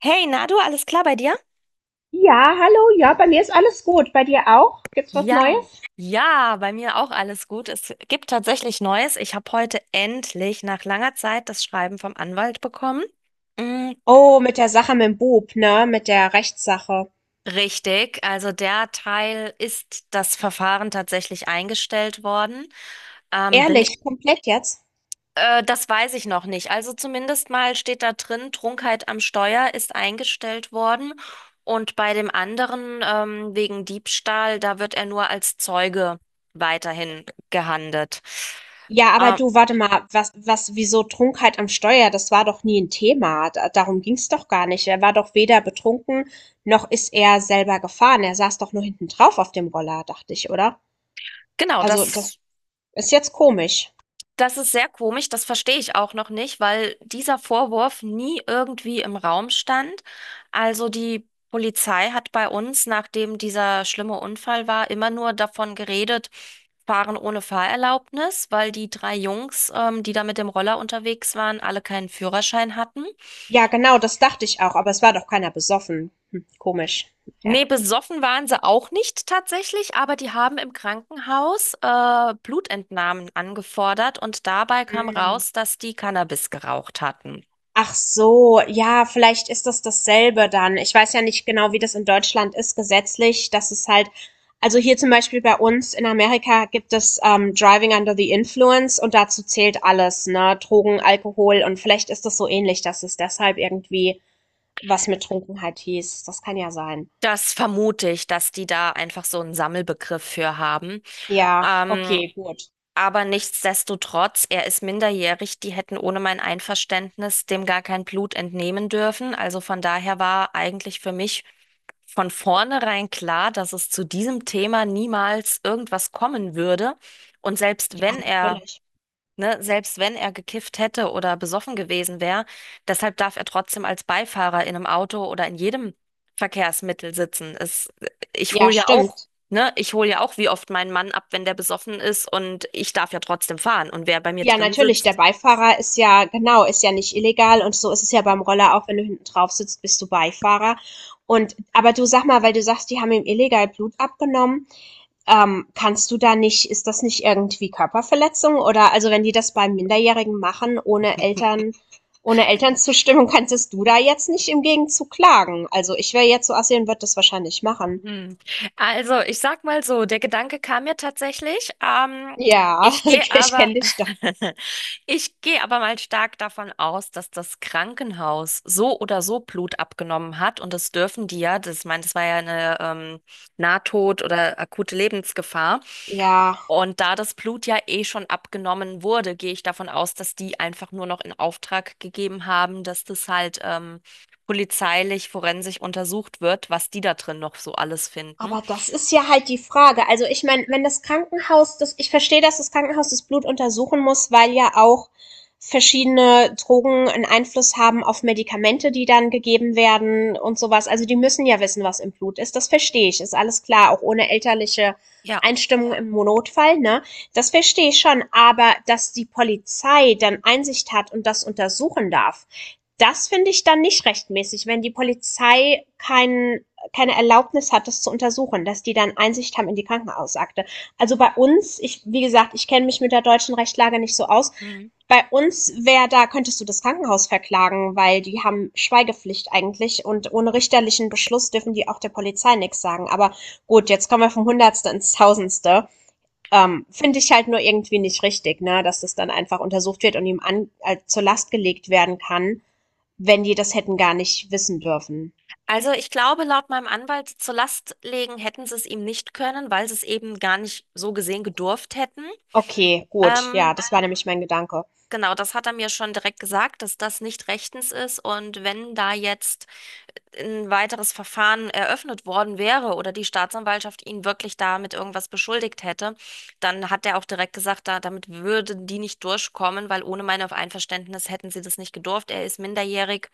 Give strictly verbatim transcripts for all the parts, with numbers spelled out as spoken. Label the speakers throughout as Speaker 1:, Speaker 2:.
Speaker 1: Hey, Nadu, alles klar bei dir?
Speaker 2: Ja, hallo, ja, bei mir ist alles gut. Bei dir auch? Gibt's was
Speaker 1: Ja,
Speaker 2: Neues?
Speaker 1: ja, bei mir auch alles gut. Es gibt tatsächlich Neues. Ich habe heute endlich nach langer Zeit das Schreiben vom Anwalt bekommen. Mm,
Speaker 2: Oh, mit der Sache mit dem Bub, ne? Mit der Rechtssache.
Speaker 1: richtig, also der Teil ist das Verfahren tatsächlich eingestellt worden. Ähm, bin
Speaker 2: Ehrlich, komplett jetzt?
Speaker 1: Äh, das weiß ich noch nicht. Also zumindest mal steht da drin, Trunkenheit am Steuer ist eingestellt worden. Und bei dem anderen, ähm, wegen Diebstahl, da wird er nur als Zeuge weiterhin gehandelt.
Speaker 2: Ja, aber
Speaker 1: Ähm,
Speaker 2: du, warte mal, was, was, wieso Trunkenheit am Steuer? Das war doch nie ein Thema. Da, darum ging's doch gar nicht. Er war doch weder betrunken, noch ist er selber gefahren. Er saß doch nur hinten drauf auf dem Roller, dachte ich, oder?
Speaker 1: genau,
Speaker 2: Also, das
Speaker 1: das.
Speaker 2: ist jetzt komisch.
Speaker 1: Das ist sehr komisch, das verstehe ich auch noch nicht, weil dieser Vorwurf nie irgendwie im Raum stand. Also die Polizei hat bei uns, nachdem dieser schlimme Unfall war, immer nur davon geredet, fahren ohne Fahrerlaubnis, weil die drei Jungs, ähm, die da mit dem Roller unterwegs waren, alle keinen Führerschein hatten.
Speaker 2: Ja, genau, das dachte ich auch, aber es war doch keiner besoffen. Hm, komisch. Ja.
Speaker 1: Nee, besoffen waren sie auch nicht tatsächlich, aber die haben im Krankenhaus, äh, Blutentnahmen angefordert und dabei kam raus, dass die Cannabis geraucht hatten.
Speaker 2: Ach so, ja, vielleicht ist das dasselbe dann. Ich weiß ja nicht genau, wie das in Deutschland ist gesetzlich. Das ist halt, also hier zum Beispiel bei uns in Amerika gibt es ähm, Driving Under the Influence, und dazu zählt alles, ne? Drogen, Alkohol, und vielleicht ist das so ähnlich, dass es deshalb irgendwie was mit Trunkenheit hieß. Das kann ja sein.
Speaker 1: Das vermute ich, dass die da einfach so einen Sammelbegriff für haben.
Speaker 2: Ja,
Speaker 1: Ähm,
Speaker 2: okay, gut.
Speaker 1: aber nichtsdestotrotz, er ist minderjährig. Die hätten ohne mein Einverständnis dem gar kein Blut entnehmen dürfen. Also von daher war eigentlich für mich von vornherein klar, dass es zu diesem Thema niemals irgendwas kommen würde. Und selbst
Speaker 2: Ja,
Speaker 1: wenn er
Speaker 2: natürlich.
Speaker 1: ne, Selbst wenn er gekifft hätte oder besoffen gewesen wäre, deshalb darf er trotzdem als Beifahrer in einem Auto oder in jedem Verkehrsmittel sitzen. Es, ich
Speaker 2: Ja,
Speaker 1: hole ja auch,
Speaker 2: stimmt.
Speaker 1: ne, Ich hole ja auch wie oft meinen Mann ab, wenn der besoffen ist und ich darf ja trotzdem fahren. Und wer bei mir
Speaker 2: Ja,
Speaker 1: drin
Speaker 2: natürlich, der
Speaker 1: sitzt.
Speaker 2: Beifahrer ist ja, genau, ist ja nicht illegal, und so ist es ja beim Roller auch, wenn du hinten drauf sitzt, bist du Beifahrer. Und aber du, sag mal, weil du sagst, die haben ihm illegal Blut abgenommen, ähm, kannst du da nicht, ist das nicht irgendwie Körperverletzung? Oder, also wenn die das bei Minderjährigen machen, ohne Eltern, ohne Elternzustimmung, kannst du da jetzt nicht im Gegenzug klagen? Also, ich wäre jetzt so assi und würde das wahrscheinlich machen.
Speaker 1: Hm. Also, ich sag mal so, der Gedanke kam mir tatsächlich. Ähm,
Speaker 2: Ja,
Speaker 1: ich gehe
Speaker 2: ich
Speaker 1: aber,
Speaker 2: kenne dich doch.
Speaker 1: Ich gehe aber mal stark davon aus, dass das Krankenhaus so oder so Blut abgenommen hat und das dürfen die ja. Das, ich meine, das war ja eine ähm, Nahtod- oder akute Lebensgefahr.
Speaker 2: Ja.
Speaker 1: Und da das Blut ja eh schon abgenommen wurde, gehe ich davon aus, dass die einfach nur noch in Auftrag gegeben haben, dass das halt ähm, polizeilich, forensisch untersucht wird, was die da drin noch so alles finden.
Speaker 2: Aber das ist ja halt die Frage. Also, ich meine, wenn das Krankenhaus, das, ich verstehe, dass das Krankenhaus das Blut untersuchen muss, weil ja auch verschiedene Drogen einen Einfluss haben auf Medikamente, die dann gegeben werden und sowas. Also die müssen ja wissen, was im Blut ist. Das verstehe ich. Ist alles klar, auch ohne elterliche
Speaker 1: Ja.
Speaker 2: Einstimmung im Notfall, ne? Das verstehe ich schon. Aber dass die Polizei dann Einsicht hat und das untersuchen darf, das finde ich dann nicht rechtmäßig, wenn die Polizei keinen keine Erlaubnis hat, das zu untersuchen, dass die dann Einsicht haben in die Krankenhausakte. Also bei uns, ich, wie gesagt, ich kenne mich mit der deutschen Rechtslage nicht so aus.
Speaker 1: Mhm.
Speaker 2: Bei uns wäre da, könntest du das Krankenhaus verklagen, weil die haben Schweigepflicht eigentlich, und ohne richterlichen Beschluss dürfen die auch der Polizei nichts sagen. Aber gut, jetzt kommen wir vom Hundertste ins Tausendste. Ähm, Finde ich halt nur irgendwie nicht richtig, ne, dass das dann einfach untersucht wird und ihm an, äh, zur Last gelegt werden kann, wenn die das hätten gar nicht wissen dürfen.
Speaker 1: Also ich glaube, laut meinem Anwalt zur Last legen hätten sie es ihm nicht können, weil sie es eben gar nicht so gesehen gedurft hätten.
Speaker 2: Okay, gut. Ja,
Speaker 1: Ähm,
Speaker 2: das war nämlich mein Gedanke.
Speaker 1: genau, das hat er mir schon direkt gesagt, dass das nicht rechtens ist. Und wenn da jetzt ein weiteres Verfahren eröffnet worden wäre oder die Staatsanwaltschaft ihn wirklich damit irgendwas beschuldigt hätte, dann hat er auch direkt gesagt, da, damit würden die nicht durchkommen, weil ohne mein Einverständnis hätten sie das nicht gedurft. Er ist minderjährig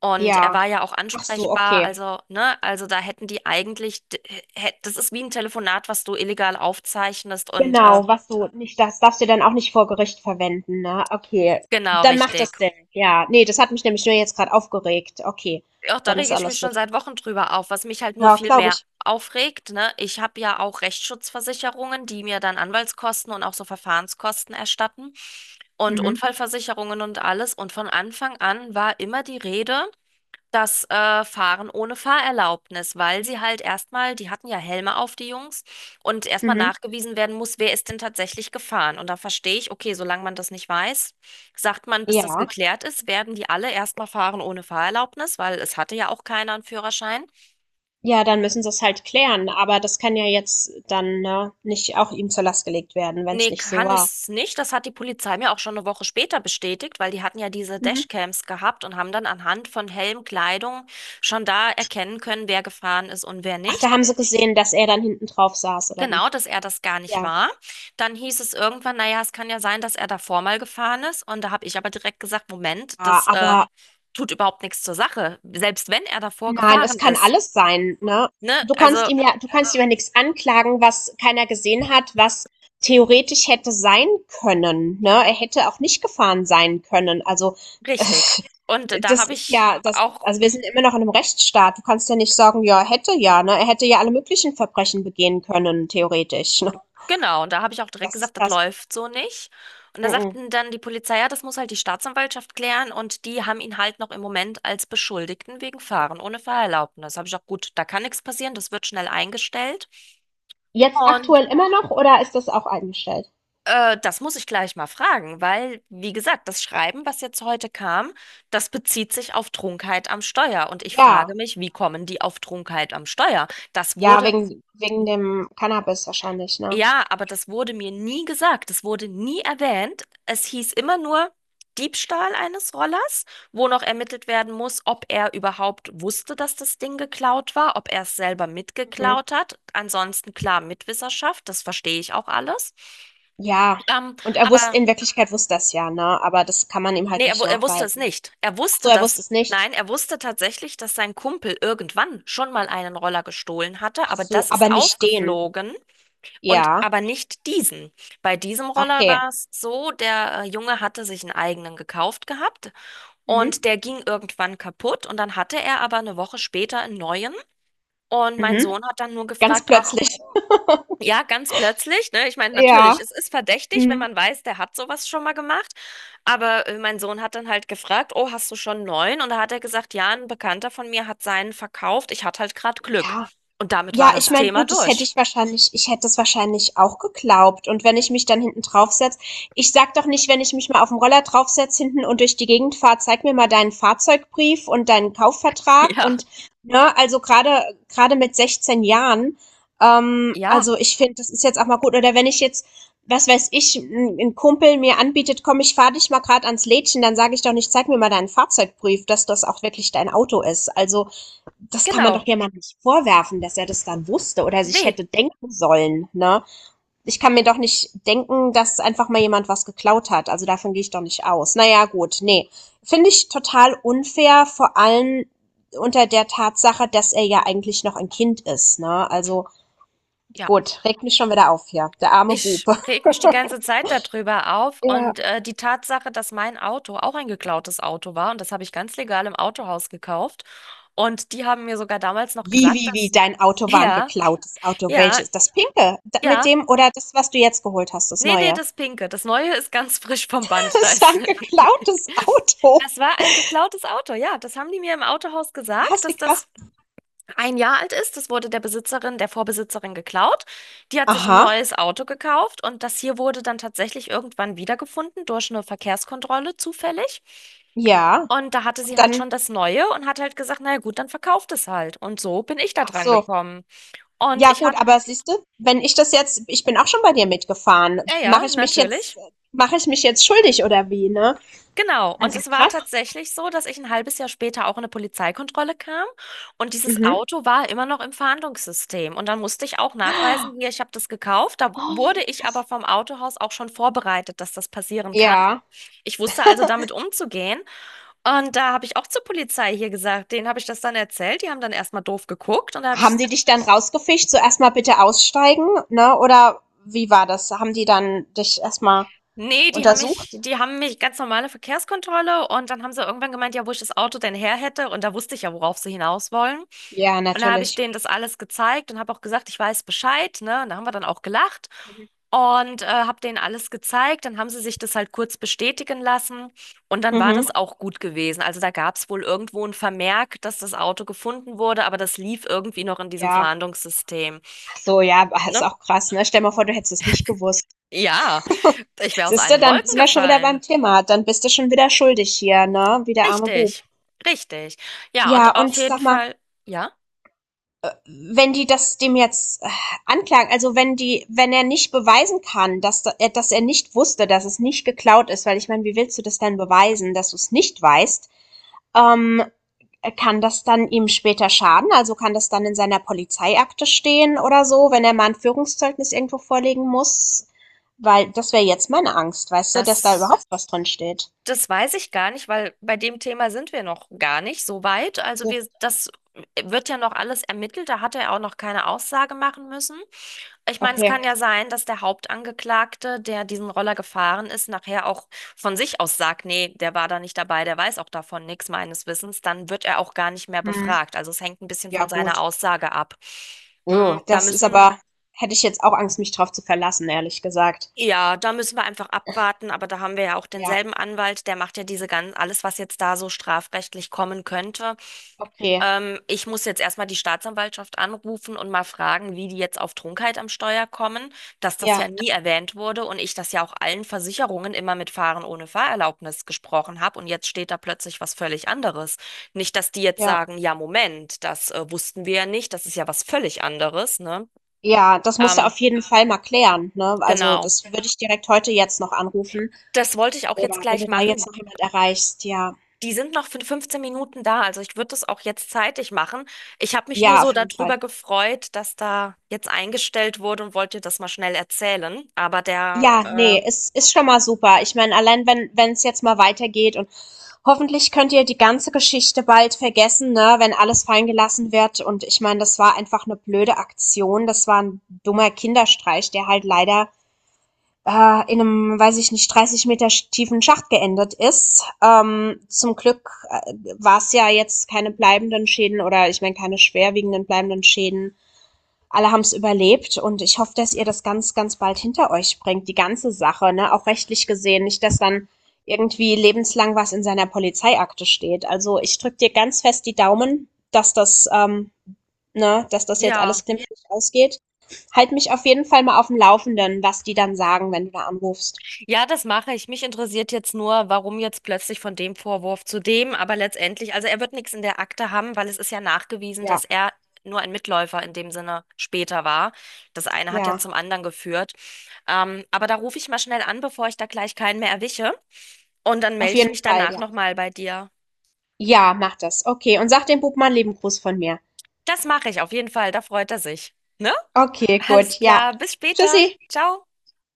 Speaker 1: und er
Speaker 2: Ja.
Speaker 1: war ja auch
Speaker 2: Ach so,
Speaker 1: ansprechbar,
Speaker 2: okay.
Speaker 1: also, ne, also da hätten die eigentlich, d- hä- das ist wie ein Telefonat, was du illegal aufzeichnest und äh,
Speaker 2: Genau, was du nicht, das darfst du dann auch nicht vor Gericht verwenden, ne? Okay.
Speaker 1: genau
Speaker 2: Dann macht
Speaker 1: richtig.
Speaker 2: das Sinn. Ja, nee, das hat mich nämlich nur jetzt gerade aufgeregt. Okay,
Speaker 1: Auch da
Speaker 2: dann ist
Speaker 1: rege ich mich
Speaker 2: alles
Speaker 1: schon
Speaker 2: gut.
Speaker 1: seit Wochen drüber auf, was mich halt nur
Speaker 2: Ja,
Speaker 1: viel
Speaker 2: glaube
Speaker 1: mehr
Speaker 2: ich.
Speaker 1: aufregt, ne? Ich habe ja auch Rechtsschutzversicherungen, die mir dann Anwaltskosten und auch so Verfahrenskosten erstatten und
Speaker 2: Mhm.
Speaker 1: Unfallversicherungen und alles. Und von Anfang an war immer die Rede, das äh, Fahren ohne Fahrerlaubnis, weil sie halt erstmal, die hatten ja Helme auf, die Jungs, und erstmal
Speaker 2: Mhm.
Speaker 1: nachgewiesen werden muss, wer ist denn tatsächlich gefahren. Und da verstehe ich, okay, solange man das nicht weiß, sagt man, bis das
Speaker 2: Ja.
Speaker 1: geklärt ist, werden die alle erstmal fahren ohne Fahrerlaubnis, weil es hatte ja auch keiner einen Führerschein.
Speaker 2: Ja, dann müssen sie es halt klären, aber das kann ja jetzt dann, ne, nicht auch ihm zur Last gelegt werden, wenn es
Speaker 1: Nee,
Speaker 2: nicht so
Speaker 1: kann
Speaker 2: war.
Speaker 1: es nicht. Das hat die Polizei mir auch schon eine Woche später bestätigt, weil die hatten ja diese
Speaker 2: Mhm.
Speaker 1: Dashcams gehabt und haben dann anhand von Helm, Kleidung schon da erkennen können, wer gefahren ist und wer
Speaker 2: Ach, da
Speaker 1: nicht.
Speaker 2: haben sie gesehen, dass er dann hinten drauf saß, oder wie?
Speaker 1: Genau, dass er das gar nicht
Speaker 2: Ja.
Speaker 1: war. Dann hieß es irgendwann, naja, es kann ja sein, dass er davor mal gefahren ist. Und da habe ich aber direkt gesagt, Moment,
Speaker 2: Ja,
Speaker 1: das äh,
Speaker 2: aber
Speaker 1: tut überhaupt nichts zur Sache. Selbst wenn er davor
Speaker 2: nein, es
Speaker 1: gefahren
Speaker 2: kann
Speaker 1: ist.
Speaker 2: alles sein, ne?
Speaker 1: Ne?
Speaker 2: Du kannst
Speaker 1: Also
Speaker 2: ihm ja du kannst ihm ja nichts anklagen, was keiner gesehen hat, was theoretisch hätte sein können, ne? Er hätte auch nicht gefahren sein können. Also,
Speaker 1: richtig. Und da
Speaker 2: das
Speaker 1: habe
Speaker 2: ist
Speaker 1: ich
Speaker 2: ja das,
Speaker 1: auch,
Speaker 2: also, wir sind immer noch in einem Rechtsstaat. Du kannst ja nicht sagen: „Ja, hätte ja", ne? Er hätte ja alle möglichen Verbrechen begehen können, theoretisch, ne?
Speaker 1: genau, und da habe ich auch direkt
Speaker 2: Das ist
Speaker 1: gesagt, das
Speaker 2: das.
Speaker 1: läuft so nicht. Und da
Speaker 2: Mhm.
Speaker 1: sagten dann die Polizei, ja, das muss halt die Staatsanwaltschaft klären. Und die haben ihn halt noch im Moment als Beschuldigten wegen Fahren ohne Fahrerlaubnis. Das habe ich auch, gut, da kann nichts passieren, das wird schnell eingestellt.
Speaker 2: Jetzt
Speaker 1: Und
Speaker 2: aktuell immer noch, oder ist das auch eingestellt?
Speaker 1: Äh, das muss ich gleich mal fragen, weil, wie gesagt, das Schreiben, was jetzt heute kam, das bezieht sich auf Trunkenheit am Steuer. Und ich
Speaker 2: Ja,
Speaker 1: frage mich, wie kommen die auf Trunkenheit am Steuer? Das
Speaker 2: ja,
Speaker 1: wurde,
Speaker 2: wegen wegen dem Cannabis wahrscheinlich, ne?
Speaker 1: ja, aber das wurde mir nie gesagt. Das wurde nie erwähnt. Es hieß immer nur Diebstahl eines Rollers, wo noch ermittelt werden muss, ob er überhaupt wusste, dass das Ding geklaut war, ob er es selber
Speaker 2: Mhm.
Speaker 1: mitgeklaut hat. Ansonsten klar Mitwisserschaft, das verstehe ich auch alles.
Speaker 2: Ja,
Speaker 1: Ähm,
Speaker 2: und er wusste,
Speaker 1: aber
Speaker 2: in Wirklichkeit wusste er's ja, ne, aber das kann man ihm
Speaker 1: nee,
Speaker 2: halt
Speaker 1: er, wu-
Speaker 2: nicht
Speaker 1: er wusste es
Speaker 2: nachweisen.
Speaker 1: nicht. Er
Speaker 2: Ach so,
Speaker 1: wusste
Speaker 2: er
Speaker 1: das.
Speaker 2: wusste es nicht?
Speaker 1: Nein, er wusste tatsächlich, dass sein Kumpel irgendwann schon mal einen Roller gestohlen hatte,
Speaker 2: Ach
Speaker 1: aber
Speaker 2: so,
Speaker 1: das ist
Speaker 2: aber nicht den.
Speaker 1: aufgeflogen und
Speaker 2: Ja,
Speaker 1: aber nicht diesen. Bei diesem Roller
Speaker 2: okay.
Speaker 1: war es so, der äh, Junge hatte sich einen eigenen gekauft gehabt und
Speaker 2: Mhm,
Speaker 1: der ging irgendwann kaputt und dann hatte er aber eine Woche später einen neuen und mein
Speaker 2: mhm.
Speaker 1: Sohn hat dann nur
Speaker 2: Ganz
Speaker 1: gefragt, ach,
Speaker 2: plötzlich.
Speaker 1: ja, ganz plötzlich, ne? Ich meine, natürlich,
Speaker 2: Ja,
Speaker 1: es ist verdächtig, wenn
Speaker 2: mhm.
Speaker 1: man weiß, der hat sowas schon mal gemacht. Aber äh, mein Sohn hat dann halt gefragt, oh, hast du schon einen neuen? Und da hat er gesagt, ja, ein Bekannter von mir hat seinen verkauft. Ich hatte halt gerade Glück.
Speaker 2: Ja.
Speaker 1: Und damit war
Speaker 2: Ja, ich
Speaker 1: das
Speaker 2: meine,
Speaker 1: Thema
Speaker 2: gut, das hätte
Speaker 1: durch.
Speaker 2: ich wahrscheinlich ich hätte es wahrscheinlich auch geglaubt. Und wenn ich mich dann hinten draufsetz, ich sage doch nicht, wenn ich mich mal auf dem Roller draufsetz hinten und durch die Gegend fahre: „Zeig mir mal deinen Fahrzeugbrief und deinen Kaufvertrag",
Speaker 1: Ja,
Speaker 2: und, ne, also gerade gerade mit sechzehn Jahren. Ähm,
Speaker 1: ja,
Speaker 2: also, ich finde, das ist jetzt auch mal gut. Oder wenn ich jetzt, was weiß ich, ein 'n Kumpel mir anbietet: „Komm, ich fahre dich mal gerade ans Lädchen", dann sage ich doch nicht: „Zeig mir mal deinen Fahrzeugbrief", dass das auch wirklich dein Auto ist. Also das kann man
Speaker 1: genau.
Speaker 2: doch jemandem nicht vorwerfen, dass er das dann wusste oder sich
Speaker 1: Nee,
Speaker 2: hätte denken sollen, ne? Ich kann mir doch nicht denken, dass einfach mal jemand was geklaut hat. Also davon gehe ich doch nicht aus. Naja, gut, nee. Finde ich total unfair, vor allem unter der Tatsache, dass er ja eigentlich noch ein Kind ist, ne? Also
Speaker 1: ja.
Speaker 2: gut, regt mich schon wieder auf hier. Der arme
Speaker 1: Ich
Speaker 2: Bube.
Speaker 1: reg mich die ganze Zeit darüber auf
Speaker 2: Ja,
Speaker 1: und äh, die Tatsache, dass mein Auto auch ein geklautes Auto war und das habe ich ganz legal im Autohaus gekauft. Und die haben mir sogar damals noch
Speaker 2: wie,
Speaker 1: gesagt,
Speaker 2: wie, wie,
Speaker 1: dass,
Speaker 2: dein Auto war ein
Speaker 1: ja,
Speaker 2: geklautes Auto?
Speaker 1: ja,
Speaker 2: Welches? Das pinke? Da- Mit
Speaker 1: ja,
Speaker 2: dem, oder das, was du jetzt geholt hast, das
Speaker 1: nee, nee,
Speaker 2: neue?
Speaker 1: das Pinke. Das Neue ist ganz frisch vom Band. Da
Speaker 2: Das war
Speaker 1: ist,
Speaker 2: ein geklautes Auto.
Speaker 1: das war ein geklautes Auto. Ja, das haben die mir im Autohaus gesagt,
Speaker 2: Was, wie
Speaker 1: dass das
Speaker 2: krass.
Speaker 1: ein Jahr alt ist. Das wurde der Besitzerin, der Vorbesitzerin geklaut. Die hat sich ein
Speaker 2: Aha,
Speaker 1: neues Auto gekauft und das hier wurde dann tatsächlich irgendwann wiedergefunden durch eine Verkehrskontrolle zufällig.
Speaker 2: ja.
Speaker 1: Und da hatte sie
Speaker 2: Und
Speaker 1: halt
Speaker 2: dann,
Speaker 1: schon das Neue und hat halt gesagt, naja gut, dann verkauft es halt. Und so bin ich da
Speaker 2: ach
Speaker 1: dran
Speaker 2: so.
Speaker 1: gekommen. Und
Speaker 2: Ja,
Speaker 1: ich
Speaker 2: gut,
Speaker 1: hatte,
Speaker 2: aber siehst du, wenn ich das jetzt, ich bin auch schon bei dir mitgefahren,
Speaker 1: ja, ja,
Speaker 2: mache ich mich jetzt,
Speaker 1: natürlich.
Speaker 2: mache ich mich jetzt schuldig oder wie, ne?
Speaker 1: Genau, und
Speaker 2: Also,
Speaker 1: es war
Speaker 2: krass.
Speaker 1: tatsächlich so, dass ich ein halbes Jahr später auch in eine Polizeikontrolle kam und dieses
Speaker 2: Mhm.
Speaker 1: Auto war immer noch im Fahndungssystem. Und dann musste ich auch nachweisen, hier, ich habe das gekauft. Da
Speaker 2: Oh,
Speaker 1: wurde
Speaker 2: wie
Speaker 1: ich aber
Speaker 2: krass.
Speaker 1: vom Autohaus auch schon vorbereitet, dass das passieren kann.
Speaker 2: Ja.
Speaker 1: Ich wusste also damit umzugehen. Und da habe ich auch zur Polizei hier gesagt, denen habe ich das dann erzählt. Die haben dann erstmal doof geguckt und da habe ich
Speaker 2: Haben die
Speaker 1: gesagt,
Speaker 2: dich dann rausgefischt, so, erstmal bitte aussteigen, ne? Oder wie war das? Haben die dann dich erstmal
Speaker 1: nee, die haben mich,
Speaker 2: untersucht?
Speaker 1: die haben mich ganz normale Verkehrskontrolle und dann haben sie irgendwann gemeint, ja, wo ich das Auto denn her hätte und da wusste ich ja, worauf sie hinaus wollen.
Speaker 2: Ja,
Speaker 1: Und da habe ich
Speaker 2: natürlich.
Speaker 1: denen das alles gezeigt und habe auch gesagt, ich weiß Bescheid, ne? Und da haben wir dann auch gelacht
Speaker 2: Mhm.
Speaker 1: und äh, habe denen alles gezeigt. Dann haben sie sich das halt kurz bestätigen lassen und dann war
Speaker 2: Mhm.
Speaker 1: das auch gut gewesen. Also da gab es wohl irgendwo ein Vermerk, dass das Auto gefunden wurde, aber das lief irgendwie noch in diesem
Speaker 2: Ja.
Speaker 1: Verhandlungssystem,
Speaker 2: Ach so, ja, ist
Speaker 1: ne?
Speaker 2: auch krass, ne? Stell mal vor, du hättest es nicht gewusst.
Speaker 1: Ja, ich wäre aus
Speaker 2: Siehst du,
Speaker 1: allen
Speaker 2: dann
Speaker 1: Wolken
Speaker 2: sind wir schon wieder
Speaker 1: gefallen.
Speaker 2: beim Thema. Dann bist du schon wieder schuldig hier, ne? Wie der arme Bub.
Speaker 1: Richtig, richtig. Ja,
Speaker 2: Ja,
Speaker 1: und auf
Speaker 2: und
Speaker 1: jeden
Speaker 2: sag mal,
Speaker 1: Fall, ja,
Speaker 2: wenn die das dem jetzt äh, anklagen, also wenn die, wenn er nicht beweisen kann, dass, da- äh, dass er nicht wusste, dass es nicht geklaut ist, weil, ich meine, wie willst du das denn beweisen, dass du es nicht weißt? Ähm, Kann das dann ihm später schaden? Also kann das dann in seiner Polizeiakte stehen oder so, wenn er mal ein Führungszeugnis irgendwo vorlegen muss? Weil das wäre jetzt meine Angst, weißt du, dass da
Speaker 1: das,
Speaker 2: überhaupt was drin steht.
Speaker 1: das weiß ich gar nicht, weil bei dem Thema sind wir noch gar nicht so weit. Also wir, das wird ja noch alles ermittelt. Da hat er auch noch keine Aussage machen müssen. Ich meine, es
Speaker 2: Okay.
Speaker 1: kann ja sein, dass der Hauptangeklagte, der diesen Roller gefahren ist, nachher auch von sich aus sagt, nee, der war da nicht dabei, der weiß auch davon nichts meines Wissens. Dann wird er auch gar nicht mehr
Speaker 2: Mhm.
Speaker 1: befragt. Also es hängt ein bisschen
Speaker 2: Ja,
Speaker 1: von seiner
Speaker 2: gut.
Speaker 1: Aussage ab. Mm,
Speaker 2: Oh,
Speaker 1: Da
Speaker 2: das ist
Speaker 1: müssen
Speaker 2: aber, hätte ich jetzt auch Angst, mich drauf zu verlassen, ehrlich gesagt.
Speaker 1: Ja, da müssen wir einfach abwarten, aber da haben wir ja auch
Speaker 2: Ja,
Speaker 1: denselben Anwalt, der macht ja diese ganzen, alles, was jetzt da so strafrechtlich kommen könnte.
Speaker 2: okay.
Speaker 1: Ähm, ich muss jetzt erstmal die Staatsanwaltschaft anrufen und mal fragen, wie die jetzt auf Trunkenheit am Steuer kommen, dass das
Speaker 2: Ja,
Speaker 1: ja nie erwähnt wurde und ich das ja auch allen Versicherungen immer mit Fahren ohne Fahrerlaubnis gesprochen habe und jetzt steht da plötzlich was völlig anderes. Nicht, dass die jetzt
Speaker 2: ja.
Speaker 1: sagen, ja, Moment, das äh, wussten wir ja nicht, das ist ja was völlig anderes, ne?
Speaker 2: Ja, das musst du
Speaker 1: Ähm,
Speaker 2: auf jeden Fall mal klären, ne? Also,
Speaker 1: genau.
Speaker 2: das würde ich direkt heute jetzt noch anrufen,
Speaker 1: Das wollte ich auch jetzt
Speaker 2: oder wenn
Speaker 1: gleich
Speaker 2: du da
Speaker 1: machen.
Speaker 2: jetzt noch jemand erreichst, ja.
Speaker 1: Die sind noch für fünfzehn Minuten da, also ich würde das auch jetzt zeitig machen. Ich habe mich nur
Speaker 2: Ja,
Speaker 1: so
Speaker 2: auf jeden Fall.
Speaker 1: darüber gefreut, dass da jetzt eingestellt wurde und wollte das mal schnell erzählen. Aber der,
Speaker 2: Ja,
Speaker 1: äh,
Speaker 2: nee, ist ist schon mal super. Ich meine, allein wenn wenn es jetzt mal weitergeht, und hoffentlich könnt ihr die ganze Geschichte bald vergessen, ne, wenn alles fallen gelassen wird. Und ich meine, das war einfach eine blöde Aktion. Das war ein dummer Kinderstreich, der halt leider äh, in einem, weiß ich nicht, dreißig Meter tiefen Schacht geendet ist. Ähm, zum Glück äh, war es ja jetzt keine bleibenden Schäden, oder, ich meine, keine schwerwiegenden bleibenden Schäden, alle haben es überlebt, und ich hoffe, dass ihr das ganz, ganz bald hinter euch bringt, die ganze Sache, ne? Auch rechtlich gesehen, nicht, dass dann irgendwie lebenslang was in seiner Polizeiakte steht. Also ich drücke dir ganz fest die Daumen, dass das, ähm, ne, dass das jetzt
Speaker 1: ja.
Speaker 2: alles glimpflich ausgeht. Halt mich auf jeden Fall mal auf dem Laufenden, was die dann sagen, wenn du da anrufst.
Speaker 1: Ja, das mache ich. Mich interessiert jetzt nur, warum jetzt plötzlich von dem Vorwurf zu dem, aber letztendlich, also er wird nichts in der Akte haben, weil es ist ja nachgewiesen,
Speaker 2: Ja,
Speaker 1: dass er nur ein Mitläufer in dem Sinne später war. Das eine hat ja
Speaker 2: ja,
Speaker 1: zum anderen geführt. Ähm, aber da rufe ich mal schnell an, bevor ich da gleich keinen mehr erwische. Und dann
Speaker 2: auf
Speaker 1: melde ich
Speaker 2: jeden
Speaker 1: mich
Speaker 2: Fall,
Speaker 1: danach
Speaker 2: ja.
Speaker 1: nochmal bei dir.
Speaker 2: Ja, mach das. Okay, und sag dem Bub mal einen lieben Gruß von mir.
Speaker 1: Das mache ich auf jeden Fall, da freut er sich. Ne?
Speaker 2: Okay,
Speaker 1: Alles
Speaker 2: gut, ja.
Speaker 1: klar, bis
Speaker 2: Tschüssi.
Speaker 1: später. Ciao.